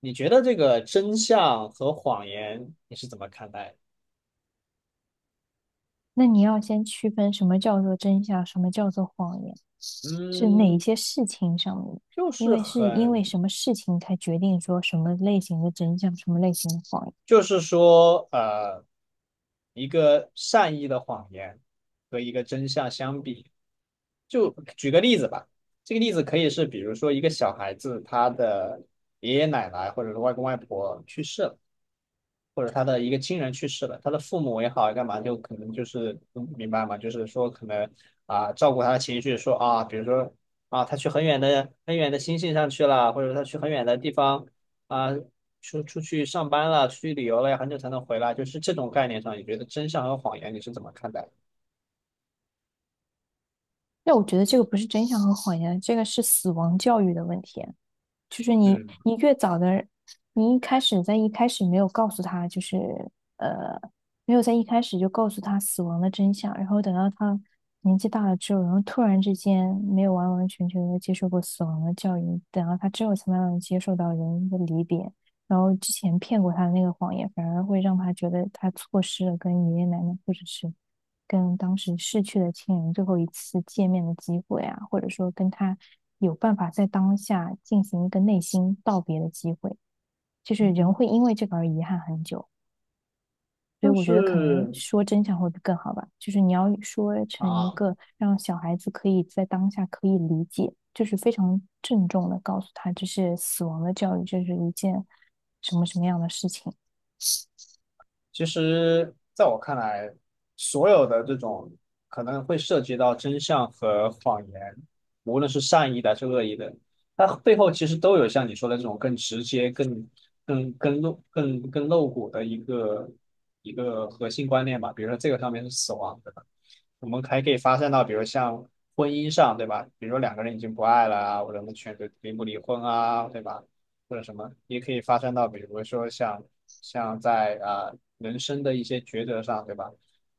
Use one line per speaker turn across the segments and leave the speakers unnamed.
你觉得这个真相和谎言你是怎么看待的？
那你要先区分什么叫做真相，什么叫做谎言，是哪一
嗯，
些事情上面，
就
因
是
为是因为
很，
什么事情才决定说什么类型的真相，什么类型的谎言。
就是说，一个善意的谎言和一个真相相比，就举个例子吧。这个例子可以是，比如说一个小孩子他的爷爷奶奶或者是外公外婆去世了。或者他的一个亲人去世了，他的父母也好，干嘛就可能就是明白吗？就是说可能啊，照顾他的情绪，说啊，比如说啊，他去很远的很远的星星上去了，或者他去很远的地方啊，出去上班了，出去旅游了，要很久才能回来，就是这种概念上，你觉得真相和谎言你是怎么看待的？
那我觉得这个不是真相和谎言，这个是死亡教育的问题。就是你
嗯，
你越早的，你一开始在一开始没有告诉他，就是呃，没有在一开始就告诉他死亡的真相，然后等到他年纪大了之后，然后突然之间没有完完全全的接受过死亡的教育，等到他之后才慢慢地接受到人的离别，然后之前骗过他的那个谎言，反而会让他觉得他错失了跟爷爷奶奶或者是跟当时逝去的亲人最后一次见面的机会啊，或者说跟他有办法在当下进行一个内心道别的机会，就是人会因为这个而遗憾很久。所以
就
我觉得可能
是。
说真相会更好吧，就是你要说成一
啊。
个让小孩子可以在当下可以理解，就是非常郑重的告诉他，这是死亡的教育，这是一件什么什么样的事情。
其实，在我看来，所有的这种可能会涉及到真相和谎言，无论是善意的还是恶意的，它背后其实都有像你说的这种更直接、更露、更露骨的一个核心观念吧。比如说这个上面是死亡，对吧？我们还可以发散到，比如像婚姻上，对吧？比如说两个人已经不爱了啊，我们选择离不离婚啊，对吧？或者什么，也可以发散到，比如说像在啊、人生的一些抉择上，对吧？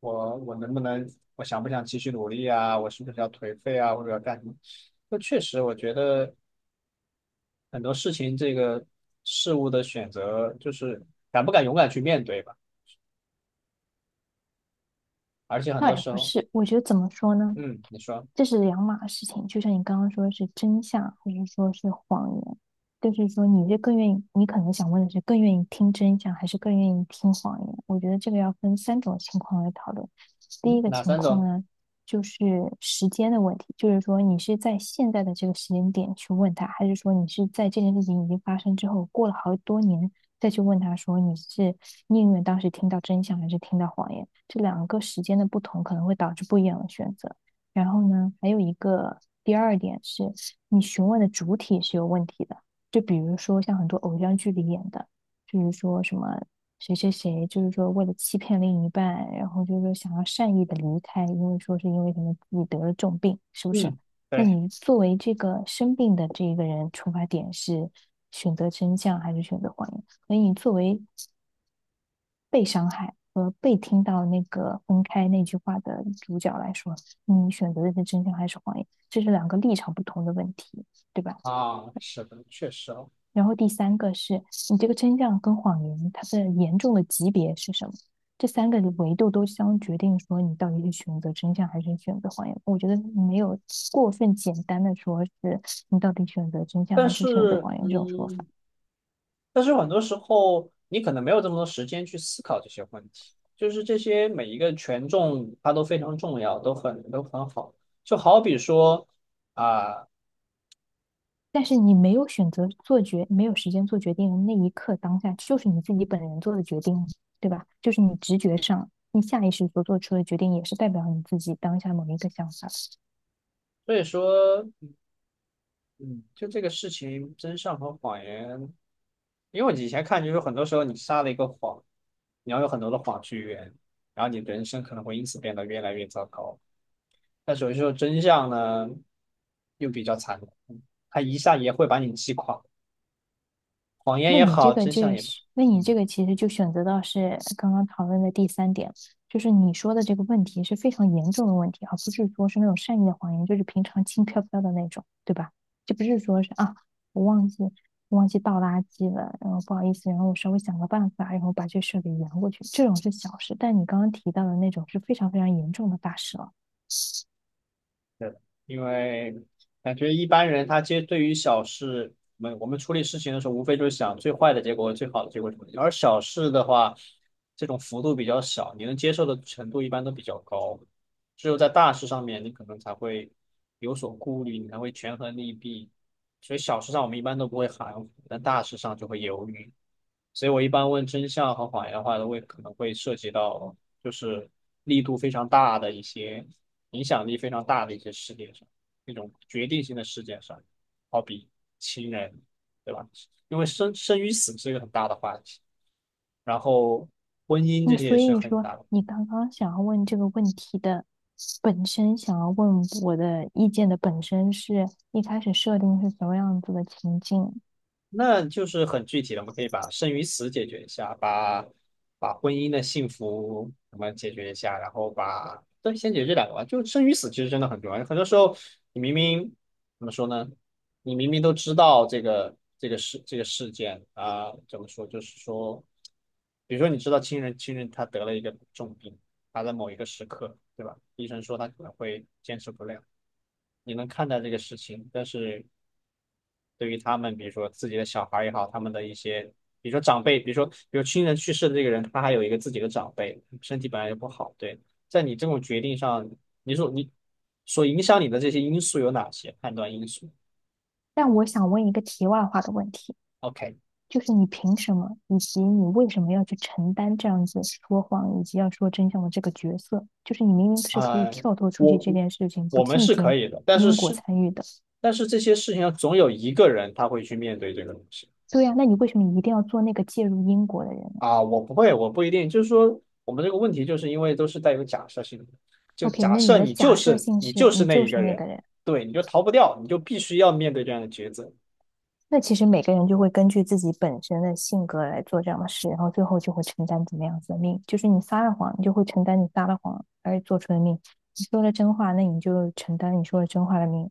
我能不能，我想不想继续努力啊？我是不是要颓废啊？或者要干什么？那确实，我觉得很多事情，这个事物的选择就是敢不敢勇敢去面对吧。而且很
倒
多
也
时
不
候，
是，我觉得怎么说呢？
嗯，你说，
这是两码事情。就像你刚刚说是真相，或者说是谎言，就是说你是更愿意，你可能想问的是更愿意听真相，还是更愿意听谎言？我觉得这个要分三种情况来讨论。第
嗯，
一个
哪
情
三
况
种？
呢，就是时间的问题，就是说你是在现在的这个时间点去问他，还是说你是在这件事情已经发生之后，过了好多年再去问他说你是宁愿当时听到真相，还是听到谎言？这两个时间的不同可能会导致不一样的选择。然后呢，还有一个第二点是，你询问的主体是有问题的。就比如说像很多偶像剧里演的，就是说什么谁谁谁，就是说为了欺骗另一半，然后就是说想要善意的离开，因为说是因为可能自己得了重病，是不是？
嗯，
那
对
你作为这个生病的这一个人，出发点是选择真相还是选择谎言？所以你作为被伤害和被听到那个分开那句话的主角来说，你选择的是真相还是谎言？这是两个立场不同的问题，对吧？
啊，是的，确实哦。
然后第三个是你这个真相跟谎言它的严重的级别是什么？这三个维度都将决定说你到底是选择真相还是选择谎言。我觉得没有过分简单的说是你到底选择真相
但
还是选择
是，
谎言这种说法。
嗯。但是很多时候你可能没有这么多时间去思考这些问题，就是这些每一个权重它都非常重要，都很好。就好比说啊，
但是你没有选择做决，没有时间做决定的那一刻当下，就是你自己本人做的决定，对吧？就是你直觉上，你下意识所做出的决定，也是代表你自己当下某一个想法。
所以说，嗯，就这个事情，真相和谎言，因为我以前看就是很多时候你撒了一个谎，你要有很多的谎去圆，然后你的人生可能会因此变得越来越糟糕。但是有时候真相呢，又比较残酷，它一下也会把你击垮，谎言
那
也
你这
好，
个
真
就
相也。
是，那你
嗯。
这个其实就选择到是刚刚讨论的第三点，就是你说的这个问题是非常严重的问题，而不是说是那种善意的谎言，就是平常轻飘飘的那种，对吧？就不是说是啊，我忘记倒垃圾了，然后不好意思，然后我稍微想个办法，然后把这事给圆过去，这种是小事，但你刚刚提到的那种是非常非常严重的大事了。
对，因为感觉一般人他对于小事，我们处理事情的时候，无非就是想最坏的结果、最好的结果什么的。而小事的话，这种幅度比较小，你能接受的程度一般都比较高。只有在大事上面，你可能才会有所顾虑，你才会权衡利弊。所以小事上我们一般都不会含糊，但大事上就会犹豫。所以我一般问真相和谎言的话，都会可能会涉及到就是力度非常大的一些影响力非常大的一些事件上，那种决定性的事件上，好比亲人，对吧？因为生与死是一个很大的话题，然后婚姻这
那
些
所
也是
以
很
说，
大的，
你刚刚想要问这个问题的本身，想要问我的意见的本身是一开始设定是什么样子的情境？
那就是很具体的，我们可以把生与死解决一下，把婚姻的幸福我们解决一下，然后把对先解决这两个吧。就生与死其实真的很重要，很多时候你明明怎么说呢？你明明都知道这个这个事这个事件啊、怎么说？就是说，比如说你知道亲人他得了一个重病，他在某一个时刻，对吧？医生说他可能会坚持不了，你能看待这个事情，但是。对于他们，比如说自己的小孩儿也好，他们的一些，比如说长辈，比如亲人去世的这个人，他还有一个自己的长辈，身体本来就不好，对，在你这种决定上，你说你所影响你的这些因素有哪些判断因素
但我想问一个题外话的问题，
？OK，
就是你凭什么，以及你为什么要去承担这样子说谎以及要说真相的这个角色？就是你明明是可以
呃，
跳脱出
我
去这
我
件事情，不
我们
进
是可
行
以的，但是
因果
是
参与的。
但是这些事情总有一个人他会去面对这个东西。
对呀，那你为什么一定要做那个介入因果的人呢
啊，我不会，我不一定。就是说，我们这个问题就是因为都是带有假设性的，就
？OK，
假
那你
设
的
你就
假设
是
性
你
是
就是
你
那
就
一个
是那
人，
个人。
对，你就逃不掉，你就必须要面对这样的抉择。
那其实每个人就会根据自己本身的性格来做这样的事，然后最后就会承担怎么样子的命。就是你撒了谎，你就会承担你撒了谎而做出的命；你说了真话，那你就承担你说了真话的命。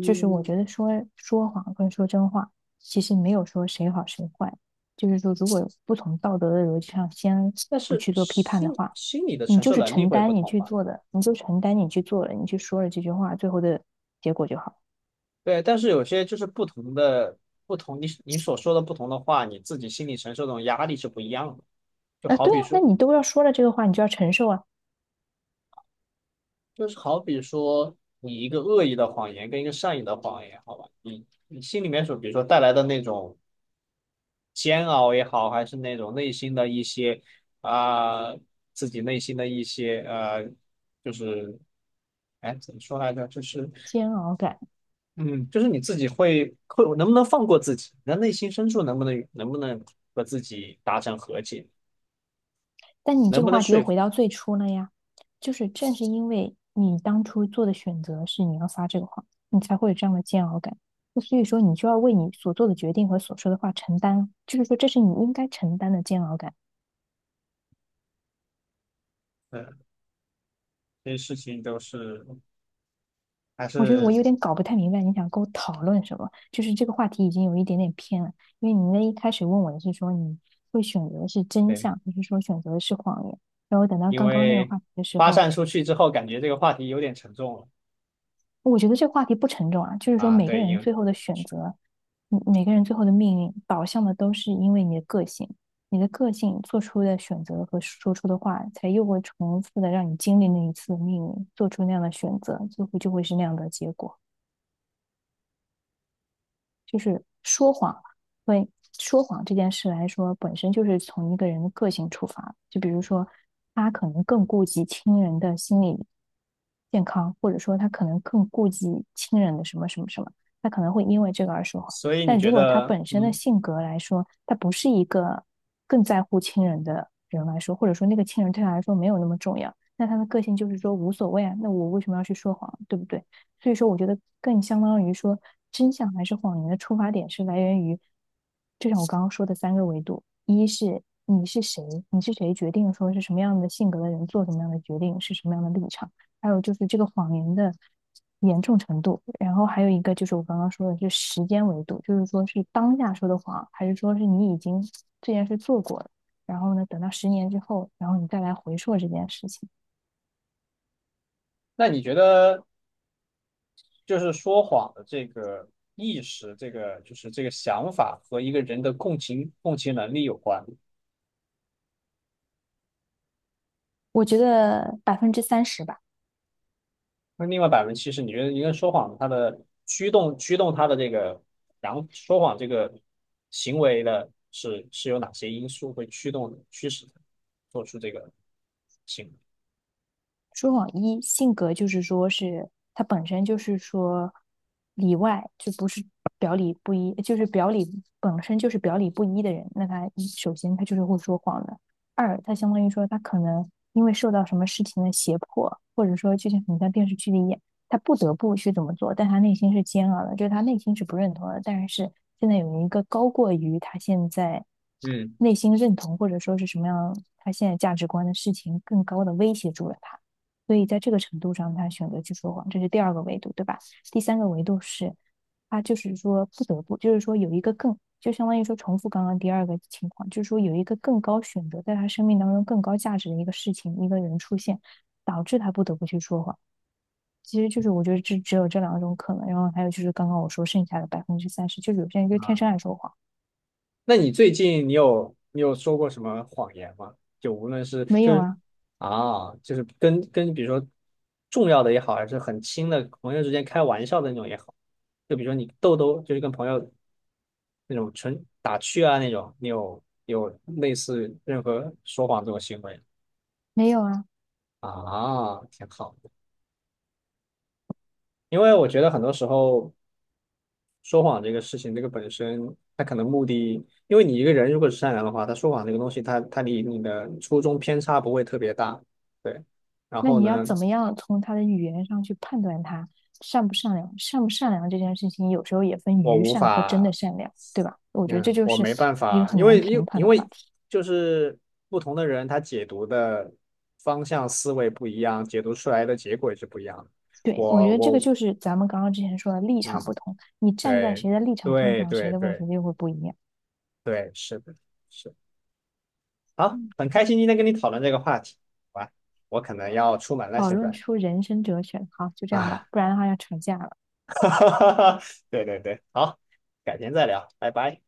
就是我觉得说说谎跟说真话，其实没有说谁好谁坏。就是说，如果不从道德的逻辑上先
但
不
是
去做批判的
心
话，
心理的
你
承
就
受
是
能力
承
会不
担你
同
去
吧？
做的，你就承担你去做了，你去说了这句话，最后的结果就好。
对，但是有些就是不同的不同，你所说的不同的话，你自己心理承受这种压力是不一样的。就
啊，
好
对
比
呀、那
说，
你都要说了这个话，你就要承受啊。
就是好比说你一个恶意的谎言跟一个善意的谎言，好吧？你心里面所比如说带来的那种煎熬也好，还是那种内心的一些啊、自己内心的一些就是哎怎么说来着？就是
煎熬感。
嗯，就是你自己会能不能放过自己？那内心深处能不能和自己达成和解？
但你
能
这个
不能
话题又
说服？
回到最初了呀，就是正是因为你当初做的选择是你要撒这个谎，你才会有这样的煎熬感。那所以说，你就要为你所做的决定和所说的话承担，就是说这是你应该承担的煎熬感。
嗯，这些事情都是还
我觉得我
是
有点搞不太明白你想跟我讨论什么，就是这个话题已经有一点点偏了，因为你那一开始问我的是说你会选择的是真
对，
相，还是说选择的是谎言？然后等到
因
刚刚那个
为
话题的时
发
候，
散出去之后，感觉这个话题有点沉重了。
我觉得这个话题不沉重啊，就是说
啊。
每个
对，
人最后的选择，嗯每个人最后的命运导向的都是因为你的个性，你的个性做出的选择和说出的话，才又会重复的让你经历那一次的命运，做出那样的选择，最后就会是那样的结果。就是说谎，会说谎这件事来说，本身就是从一个人的个性出发。就比如说，他可能更顾及亲人的心理健康，或者说他可能更顾及亲人的什么什么什么，他可能会因为这个而说谎。
所以你
但
觉
如果他
得
本身的性格来说，他不是一个更在乎亲人的人来说，或者说那个亲人对他来说没有那么重要，那他的个性就是说无所谓啊，那我为什么要去说谎，对不对？所以说，我觉得更相当于说，真相还是谎言的出发点是来源于，就像我刚刚说的三个维度：一是你是谁，你是谁决定说是什么样的性格的人做什么样的决定，是什么样的立场；还有就是这个谎言的严重程度；然后还有一个就是我刚刚说的是时间维度，就是说是当下说的谎，还是说是你已经这件事做过了，然后呢，等到10年之后，然后你再来回溯这件事情。
那你觉得？就是说谎的这个意识，这个就是这个想法和一个人的共情能力有关。
我觉得百分之三十吧。
那另外70%，你觉得一个人说谎，他的驱动他的这个，然后说谎这个行为的是有哪些因素会驱动驱使他做出这个行为？
说谎一性格就是说是他本身就是说里外就不是表里不一，就是表里本身就是表里不一的人，那他一首先他就是会说谎的。二，他相当于说他可能因为受到什么事情的胁迫，或者说就像很在电视剧里演，他不得不去怎么做，但他内心是煎熬的，就是他内心是不认同的，但是现在有一个高过于他现在
嗯。
内心认同或者说是什么样他现在价值观的事情更高的威胁住了他。所以在这个程度上，他选择去说谎，这是第二个维度，对吧？第三个维度是，他就是说不得不，就是说有一个更，就相当于说重复刚刚第二个情况，就是说有一个更高选择，在他生命当中更高价值的一个事情、一个人出现，导致他不得不去说谎。其实就是我觉得这只有这两种可能，然后还有就是刚刚我说剩下的百分之三十，就是有些人就天生爱说谎，
那你最近你有说过什么谎言吗？就无论是
没
就
有
是
啊，
啊，就是跟比如说重要的也好，还是很亲的朋友之间开玩笑的那种也好，就比如说你豆豆就是跟朋友那种纯打趣啊那种，你有类似任何说谎这种行为？
没有啊。
啊，挺好的。因为我觉得很多时候说谎这个事情，这个本身他可能目的，因为你一个人如果是善良的话，他说谎这个东西，他离你的初衷偏差不会特别大，对。然
那
后
你要
呢，
怎么样从他的语言上去判断他善不善良？善不善良这件事情，有时候也分
我
愚
无
善和真的
法，
善良，对吧？我觉得这
嗯，
就
我
是
没办
一个
法，
很
因
难
为
评
因
判
因
的话
为
题。
就是不同的人他解读的方向思维不一样，解读出来的结果也是不一样的。
对，我
我
觉得这个
我
就是咱们刚刚之前说的立场不
嗯，
同，你站在
对
谁的立场上
对
讲谁
对
的问
对
题就会不一样。
对，是的，是。好，
嗯，
很开心今天跟你讨论这个话题。好吧，我可能要出门了，
讨
现
论
在
出人生哲学，好，就这样
啊，
吧，不然的话要吵架了。
对对对，好，改天再聊，拜拜。